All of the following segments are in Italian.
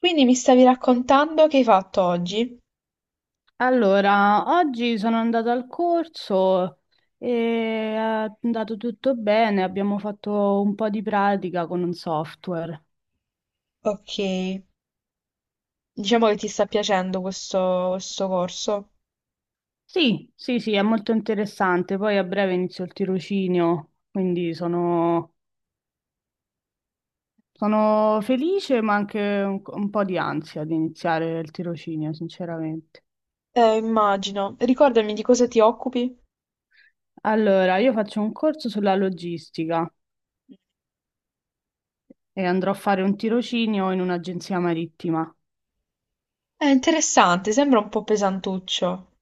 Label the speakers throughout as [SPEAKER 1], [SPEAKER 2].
[SPEAKER 1] Quindi mi stavi raccontando che hai fatto oggi?
[SPEAKER 2] Allora, oggi sono andata al corso e è andato tutto bene, abbiamo fatto un po' di pratica con un software.
[SPEAKER 1] Ok, diciamo che ti sta piacendo questo corso.
[SPEAKER 2] Sì, sì, sì, è molto interessante. Poi a breve inizio il tirocinio, quindi sono, sono felice, ma anche un po' di ansia di iniziare il tirocinio, sinceramente.
[SPEAKER 1] Immagino. Ricordami di cosa ti occupi?
[SPEAKER 2] Allora, io faccio un corso sulla logistica e andrò a fare un tirocinio in un'agenzia marittima.
[SPEAKER 1] È interessante, sembra un po' pesantuccio.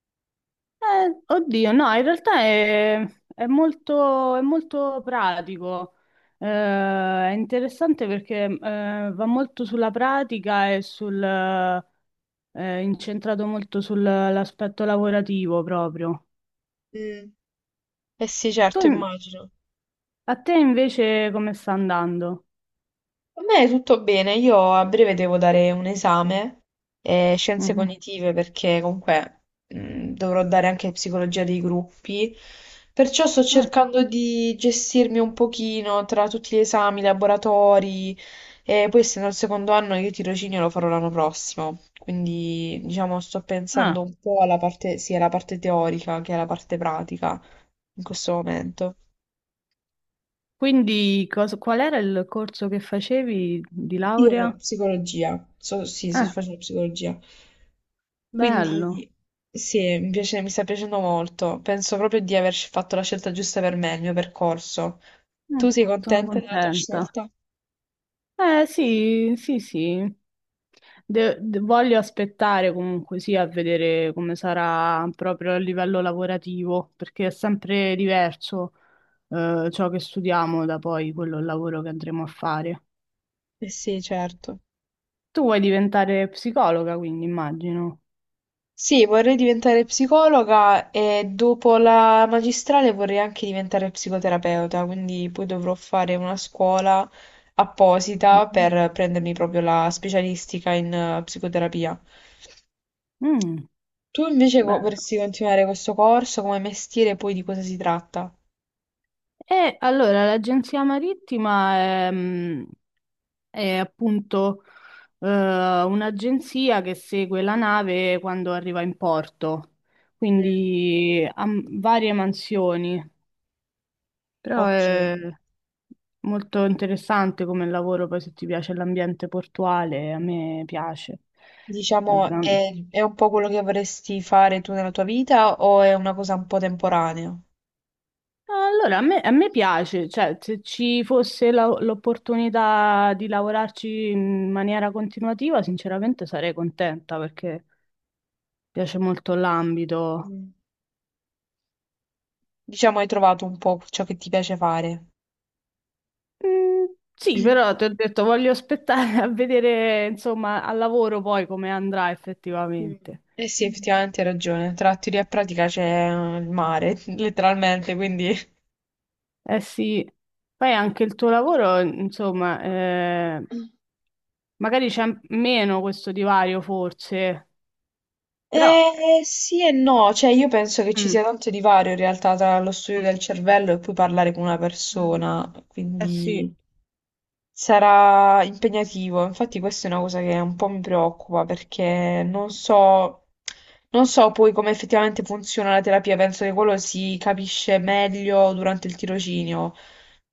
[SPEAKER 2] Oddio, no, in realtà è molto pratico. È interessante perché va molto sulla pratica e sul incentrato molto sull'aspetto lavorativo proprio.
[SPEAKER 1] Mm. Eh sì, certo,
[SPEAKER 2] Tu-
[SPEAKER 1] immagino.
[SPEAKER 2] A te invece come sta andando?
[SPEAKER 1] A me è tutto bene, io a breve devo dare un esame, scienze
[SPEAKER 2] Mhm.
[SPEAKER 1] cognitive, perché comunque dovrò dare anche psicologia dei gruppi, perciò sto
[SPEAKER 2] Ah,
[SPEAKER 1] cercando di gestirmi un pochino tra tutti gli esami, i laboratori, e poi essendo il secondo anno io tirocinio lo farò l'anno prossimo, quindi diciamo sto
[SPEAKER 2] ah.
[SPEAKER 1] pensando un po' alla parte, sia alla parte teorica che alla parte pratica in questo momento.
[SPEAKER 2] Quindi qual era il corso che facevi di
[SPEAKER 1] Io
[SPEAKER 2] laurea?
[SPEAKER 1] psicologia, sì, sto
[SPEAKER 2] Ah,
[SPEAKER 1] facendo psicologia.
[SPEAKER 2] bello.
[SPEAKER 1] Quindi sì, mi sta piacendo molto. Penso proprio di aver fatto la scelta giusta per me, il mio percorso.
[SPEAKER 2] Mm,
[SPEAKER 1] Tu sei
[SPEAKER 2] sono
[SPEAKER 1] contenta della tua
[SPEAKER 2] contenta.
[SPEAKER 1] scelta?
[SPEAKER 2] Eh sì, sì, sì. Voglio aspettare comunque sì a vedere come sarà proprio a livello lavorativo, perché è sempre diverso ciò che studiamo da poi quello il lavoro che andremo a fare.
[SPEAKER 1] Eh sì, certo.
[SPEAKER 2] Tu vuoi diventare psicologa, quindi immagino.
[SPEAKER 1] Sì, vorrei diventare psicologa e dopo la magistrale vorrei anche diventare psicoterapeuta, quindi poi dovrò fare una scuola apposita
[SPEAKER 2] Mhm.
[SPEAKER 1] per prendermi proprio la specialistica in psicoterapia.
[SPEAKER 2] Mm,
[SPEAKER 1] Tu invece
[SPEAKER 2] bello.
[SPEAKER 1] vorresti continuare questo corso come mestiere, poi di cosa si tratta?
[SPEAKER 2] E allora l'agenzia marittima è, è appunto eh, un'agenzia che segue la nave quando arriva in porto,
[SPEAKER 1] Mm.
[SPEAKER 2] quindi ha varie mansioni, però
[SPEAKER 1] Ok.
[SPEAKER 2] è molto interessante come lavoro, poi se ti piace l'ambiente portuale, a me piace. Eh,
[SPEAKER 1] Diciamo,
[SPEAKER 2] da-
[SPEAKER 1] è un po' quello che vorresti fare tu nella tua vita o è una cosa un po' temporanea?
[SPEAKER 2] Allora, a me piace, cioè se ci fosse l'opportunità di lavorarci in maniera continuativa, sinceramente sarei contenta perché piace molto l'ambito.
[SPEAKER 1] Mm. Diciamo, hai trovato un po' ciò che ti piace fare.
[SPEAKER 2] Mm. Sì, però ti ho detto, voglio aspettare a vedere, insomma, al lavoro poi come andrà
[SPEAKER 1] Mm.
[SPEAKER 2] effettivamente.
[SPEAKER 1] Eh sì,
[SPEAKER 2] Mm.
[SPEAKER 1] effettivamente hai ragione. Tra teoria e pratica c'è il mare, letteralmente, quindi...
[SPEAKER 2] Eh sì, poi anche il tuo lavoro, insomma, magari c'è meno questo divario forse, però... eh,
[SPEAKER 1] Eh sì e no, cioè io penso che ci
[SPEAKER 2] mm,
[SPEAKER 1] sia tanto divario in realtà tra lo studio
[SPEAKER 2] mm,
[SPEAKER 1] del cervello e poi parlare con una
[SPEAKER 2] Mm.
[SPEAKER 1] persona,
[SPEAKER 2] eh sì,
[SPEAKER 1] quindi... Sarà impegnativo, infatti questa è una cosa che un po' mi preoccupa perché non so, non so poi come effettivamente funziona la terapia, penso che quello si capisce meglio durante il tirocinio.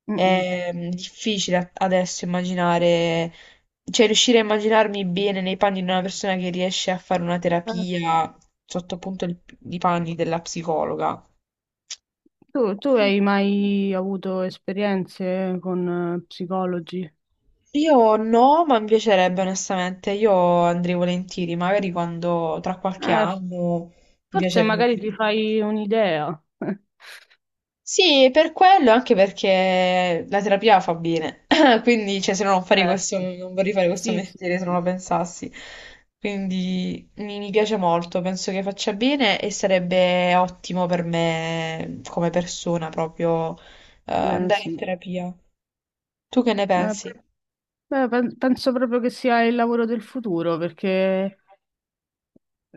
[SPEAKER 2] mm, mm,
[SPEAKER 1] È difficile adesso immaginare, cioè riuscire a immaginarmi bene nei panni di una persona che riesce a fare una
[SPEAKER 2] eh sì.
[SPEAKER 1] terapia sotto appunto i panni della psicologa.
[SPEAKER 2] Tu hai mai avuto esperienze con psicologi?
[SPEAKER 1] Io no, ma mi piacerebbe onestamente, io andrei volentieri, magari quando tra qualche
[SPEAKER 2] Eh,
[SPEAKER 1] anno mi
[SPEAKER 2] forse
[SPEAKER 1] piacerebbe.
[SPEAKER 2] magari ti fai un'idea.
[SPEAKER 1] Sì, per quello, anche perché la terapia fa bene, quindi cioè, se no non farei questo,
[SPEAKER 2] Certo.
[SPEAKER 1] non vorrei fare questo
[SPEAKER 2] Sì, sì,
[SPEAKER 1] mestiere se non lo
[SPEAKER 2] sì.
[SPEAKER 1] pensassi. Quindi mi piace molto, penso che faccia bene e sarebbe ottimo per me come persona proprio
[SPEAKER 2] Beh,
[SPEAKER 1] andare in
[SPEAKER 2] sì.
[SPEAKER 1] terapia. Tu che ne
[SPEAKER 2] Ma
[SPEAKER 1] pensi?
[SPEAKER 2] poi- Beh, penso proprio che sia il lavoro del futuro perché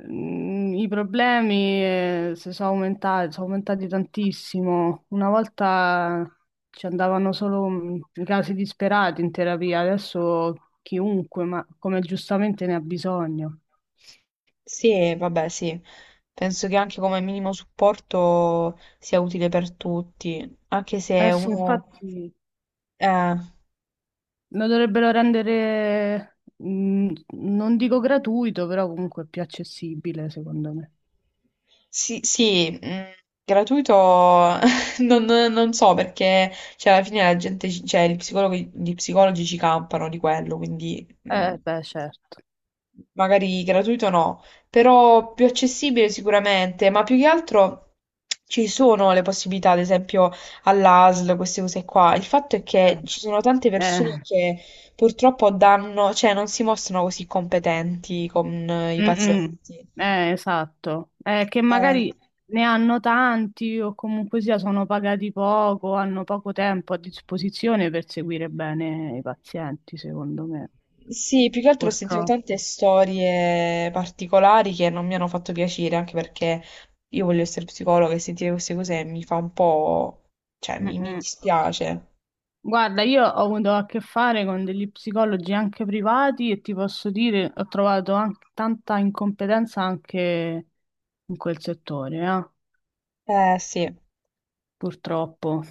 [SPEAKER 2] i problemi si sono aumentati tantissimo. Una volta ci andavano solo i casi disperati in terapia, adesso chiunque, ma come giustamente ne ha bisogno.
[SPEAKER 1] Sì, vabbè, sì. Penso che anche come minimo supporto sia utile per tutti, anche
[SPEAKER 2] Eh
[SPEAKER 1] se
[SPEAKER 2] sì,
[SPEAKER 1] uno...
[SPEAKER 2] infatti
[SPEAKER 1] Eh,
[SPEAKER 2] lo dovrebbero rendere, non dico gratuito, però comunque più accessibile, secondo me.
[SPEAKER 1] sì, sì, gratuito non, non so perché, cioè, alla fine la gente, cioè, gli psicologi ci campano di quello, quindi
[SPEAKER 2] Beh, certo.
[SPEAKER 1] magari gratuito no, però più accessibile sicuramente, ma più che altro ci sono le possibilità, ad esempio all'ASL, queste cose qua. Il fatto è che
[SPEAKER 2] Eh,
[SPEAKER 1] ci sono tante persone
[SPEAKER 2] eh,
[SPEAKER 1] che purtroppo danno, cioè non si mostrano così competenti con i
[SPEAKER 2] mm, mm.
[SPEAKER 1] pazienti.
[SPEAKER 2] Esatto. Che
[SPEAKER 1] Eh.
[SPEAKER 2] magari ne hanno tanti o comunque sia sono pagati poco, hanno poco tempo a disposizione per seguire bene i pazienti, secondo me,
[SPEAKER 1] Sì, più che altro ho sentito tante
[SPEAKER 2] purtroppo.
[SPEAKER 1] storie particolari che non mi hanno fatto piacere, anche perché io voglio essere psicologa e sentire queste cose mi fa un po'... cioè
[SPEAKER 2] Mm,
[SPEAKER 1] mi
[SPEAKER 2] mm.
[SPEAKER 1] dispiace.
[SPEAKER 2] Guarda, io ho avuto a che fare con degli psicologi anche privati e ti posso dire, ho trovato anche tanta incompetenza anche in quel settore,
[SPEAKER 1] Eh sì,
[SPEAKER 2] purtroppo.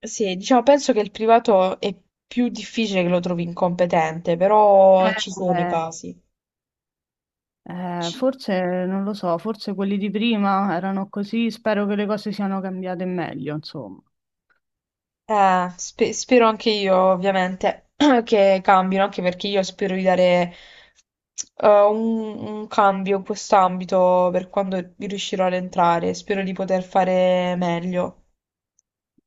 [SPEAKER 1] sì, diciamo, penso che il privato è più difficile che lo trovi incompetente, però
[SPEAKER 2] Eh,
[SPEAKER 1] ci sono i
[SPEAKER 2] eh.
[SPEAKER 1] casi. Ci-
[SPEAKER 2] Forse non lo so, forse quelli di prima erano così, spero che le cose siano cambiate in meglio, insomma.
[SPEAKER 1] Spero anche io, ovviamente, che cambino, anche perché io spero di dare un cambio in quest'ambito per quando riuscirò ad entrare. Spero di poter fare meglio.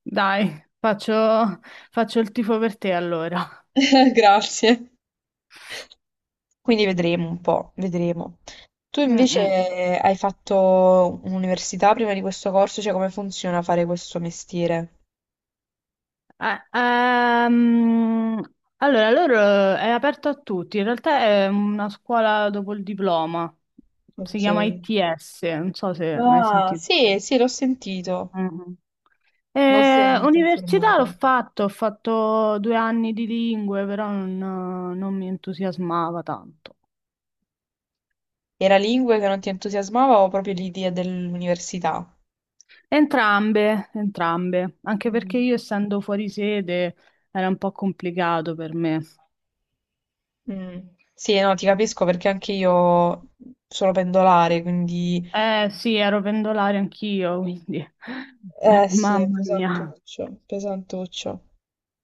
[SPEAKER 2] Dai, faccio, faccio il tifo per te allora.
[SPEAKER 1] Grazie. Quindi vedremo un po', vedremo. Tu
[SPEAKER 2] Mm,
[SPEAKER 1] invece
[SPEAKER 2] mm.
[SPEAKER 1] hai fatto un'università prima di questo corso, cioè come funziona fare questo mestiere?
[SPEAKER 2] Eh, ehm, allora, loro è aperto a tutti, in realtà è una scuola dopo il diploma, si
[SPEAKER 1] Ok.
[SPEAKER 2] chiama ITS, non so se mai
[SPEAKER 1] Ah,
[SPEAKER 2] sentito.
[SPEAKER 1] sì, sì, l'ho sentito.
[SPEAKER 2] Mhm.
[SPEAKER 1] Non sono molto
[SPEAKER 2] Università l'ho
[SPEAKER 1] informato.
[SPEAKER 2] fatto, ho fatto due anni di lingue, però non mi entusiasmava tanto.
[SPEAKER 1] Era lingue che non ti entusiasmava o proprio l'idea dell'università?
[SPEAKER 2] Entrambe, entrambe, anche perché
[SPEAKER 1] Mm.
[SPEAKER 2] io essendo fuori sede era un po' complicato per me.
[SPEAKER 1] Mm. Sì, no, ti capisco perché anche io sono pendolare, quindi...
[SPEAKER 2] Eh sì, ero pendolare anch'io, quindi
[SPEAKER 1] Eh sì, è
[SPEAKER 2] mamma mia,
[SPEAKER 1] pesantuccio, pesantuccio.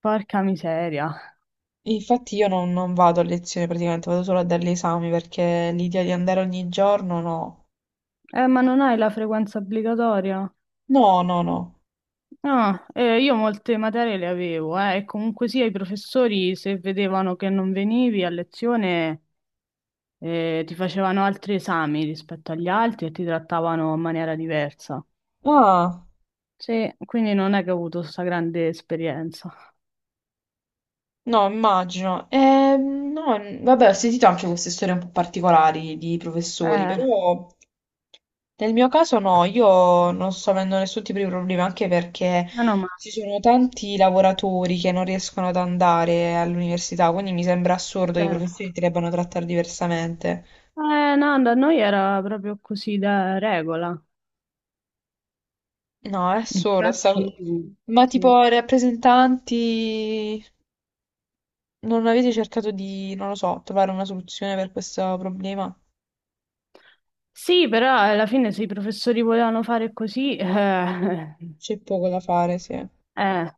[SPEAKER 2] porca miseria.
[SPEAKER 1] Infatti io non, non vado a lezione praticamente, vado solo a dare gli esami perché l'idea di andare ogni giorno, no.
[SPEAKER 2] Ma non hai la frequenza obbligatoria?
[SPEAKER 1] No, no, no.
[SPEAKER 2] No, io molte materie le avevo, e comunque sia i professori se vedevano che non venivi a lezione e ti facevano altri esami rispetto agli altri e ti trattavano in maniera diversa.
[SPEAKER 1] Ah.
[SPEAKER 2] Sì, quindi non è che ho avuto questa grande esperienza.
[SPEAKER 1] No, immagino. No, vabbè, ho sentito anche queste storie un po' particolari di professori,
[SPEAKER 2] Eh,
[SPEAKER 1] però nel mio caso no, io
[SPEAKER 2] Io
[SPEAKER 1] non sto avendo nessun tipo di problema, anche perché
[SPEAKER 2] meno male.
[SPEAKER 1] ci sono tanti lavoratori che non riescono ad andare all'università, quindi mi sembra assurdo che i
[SPEAKER 2] Certo.
[SPEAKER 1] professori ti debbano trattare diversamente.
[SPEAKER 2] No, da noi era proprio così da regola.
[SPEAKER 1] No, è assurdo sta cosa.
[SPEAKER 2] Infatti,
[SPEAKER 1] Ma
[SPEAKER 2] sì.
[SPEAKER 1] tipo rappresentanti, non avete cercato di, non lo so, trovare una soluzione per questo problema?
[SPEAKER 2] Sì, però alla fine se i professori volevano fare così,
[SPEAKER 1] C'è poco da fare, sì.
[SPEAKER 2] eh,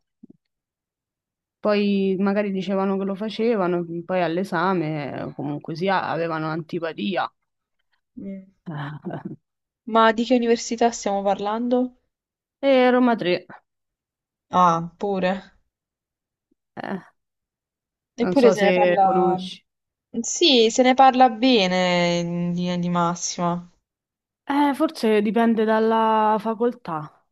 [SPEAKER 2] poi magari dicevano che lo facevano, poi all'esame comunque sia, avevano antipatia.
[SPEAKER 1] Mm.
[SPEAKER 2] Eh,
[SPEAKER 1] Ma di che università stiamo parlando?
[SPEAKER 2] E Roma 3,
[SPEAKER 1] Ah, pure.
[SPEAKER 2] eh, non
[SPEAKER 1] Eppure
[SPEAKER 2] so
[SPEAKER 1] se ne
[SPEAKER 2] se
[SPEAKER 1] parla...
[SPEAKER 2] conosci.
[SPEAKER 1] Sì, se ne parla bene in linea di massima.
[SPEAKER 2] Forse dipende dalla facoltà.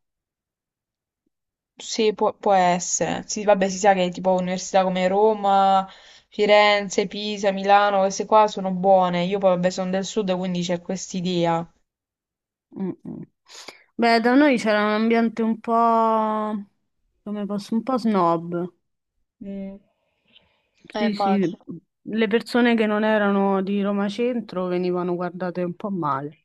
[SPEAKER 1] Sì, può essere. Sì, vabbè, si sa che tipo università come Roma, Firenze, Pisa, Milano, queste qua sono buone. Io poi vabbè sono del sud, quindi c'è quest'idea.
[SPEAKER 2] Mm, mm. Beh, da noi c'era un ambiente un po', come posso, un po' snob.
[SPEAKER 1] Mm.
[SPEAKER 2] Sì,
[SPEAKER 1] Immagino.
[SPEAKER 2] sì, le persone che non erano di Roma Centro venivano guardate un po' male.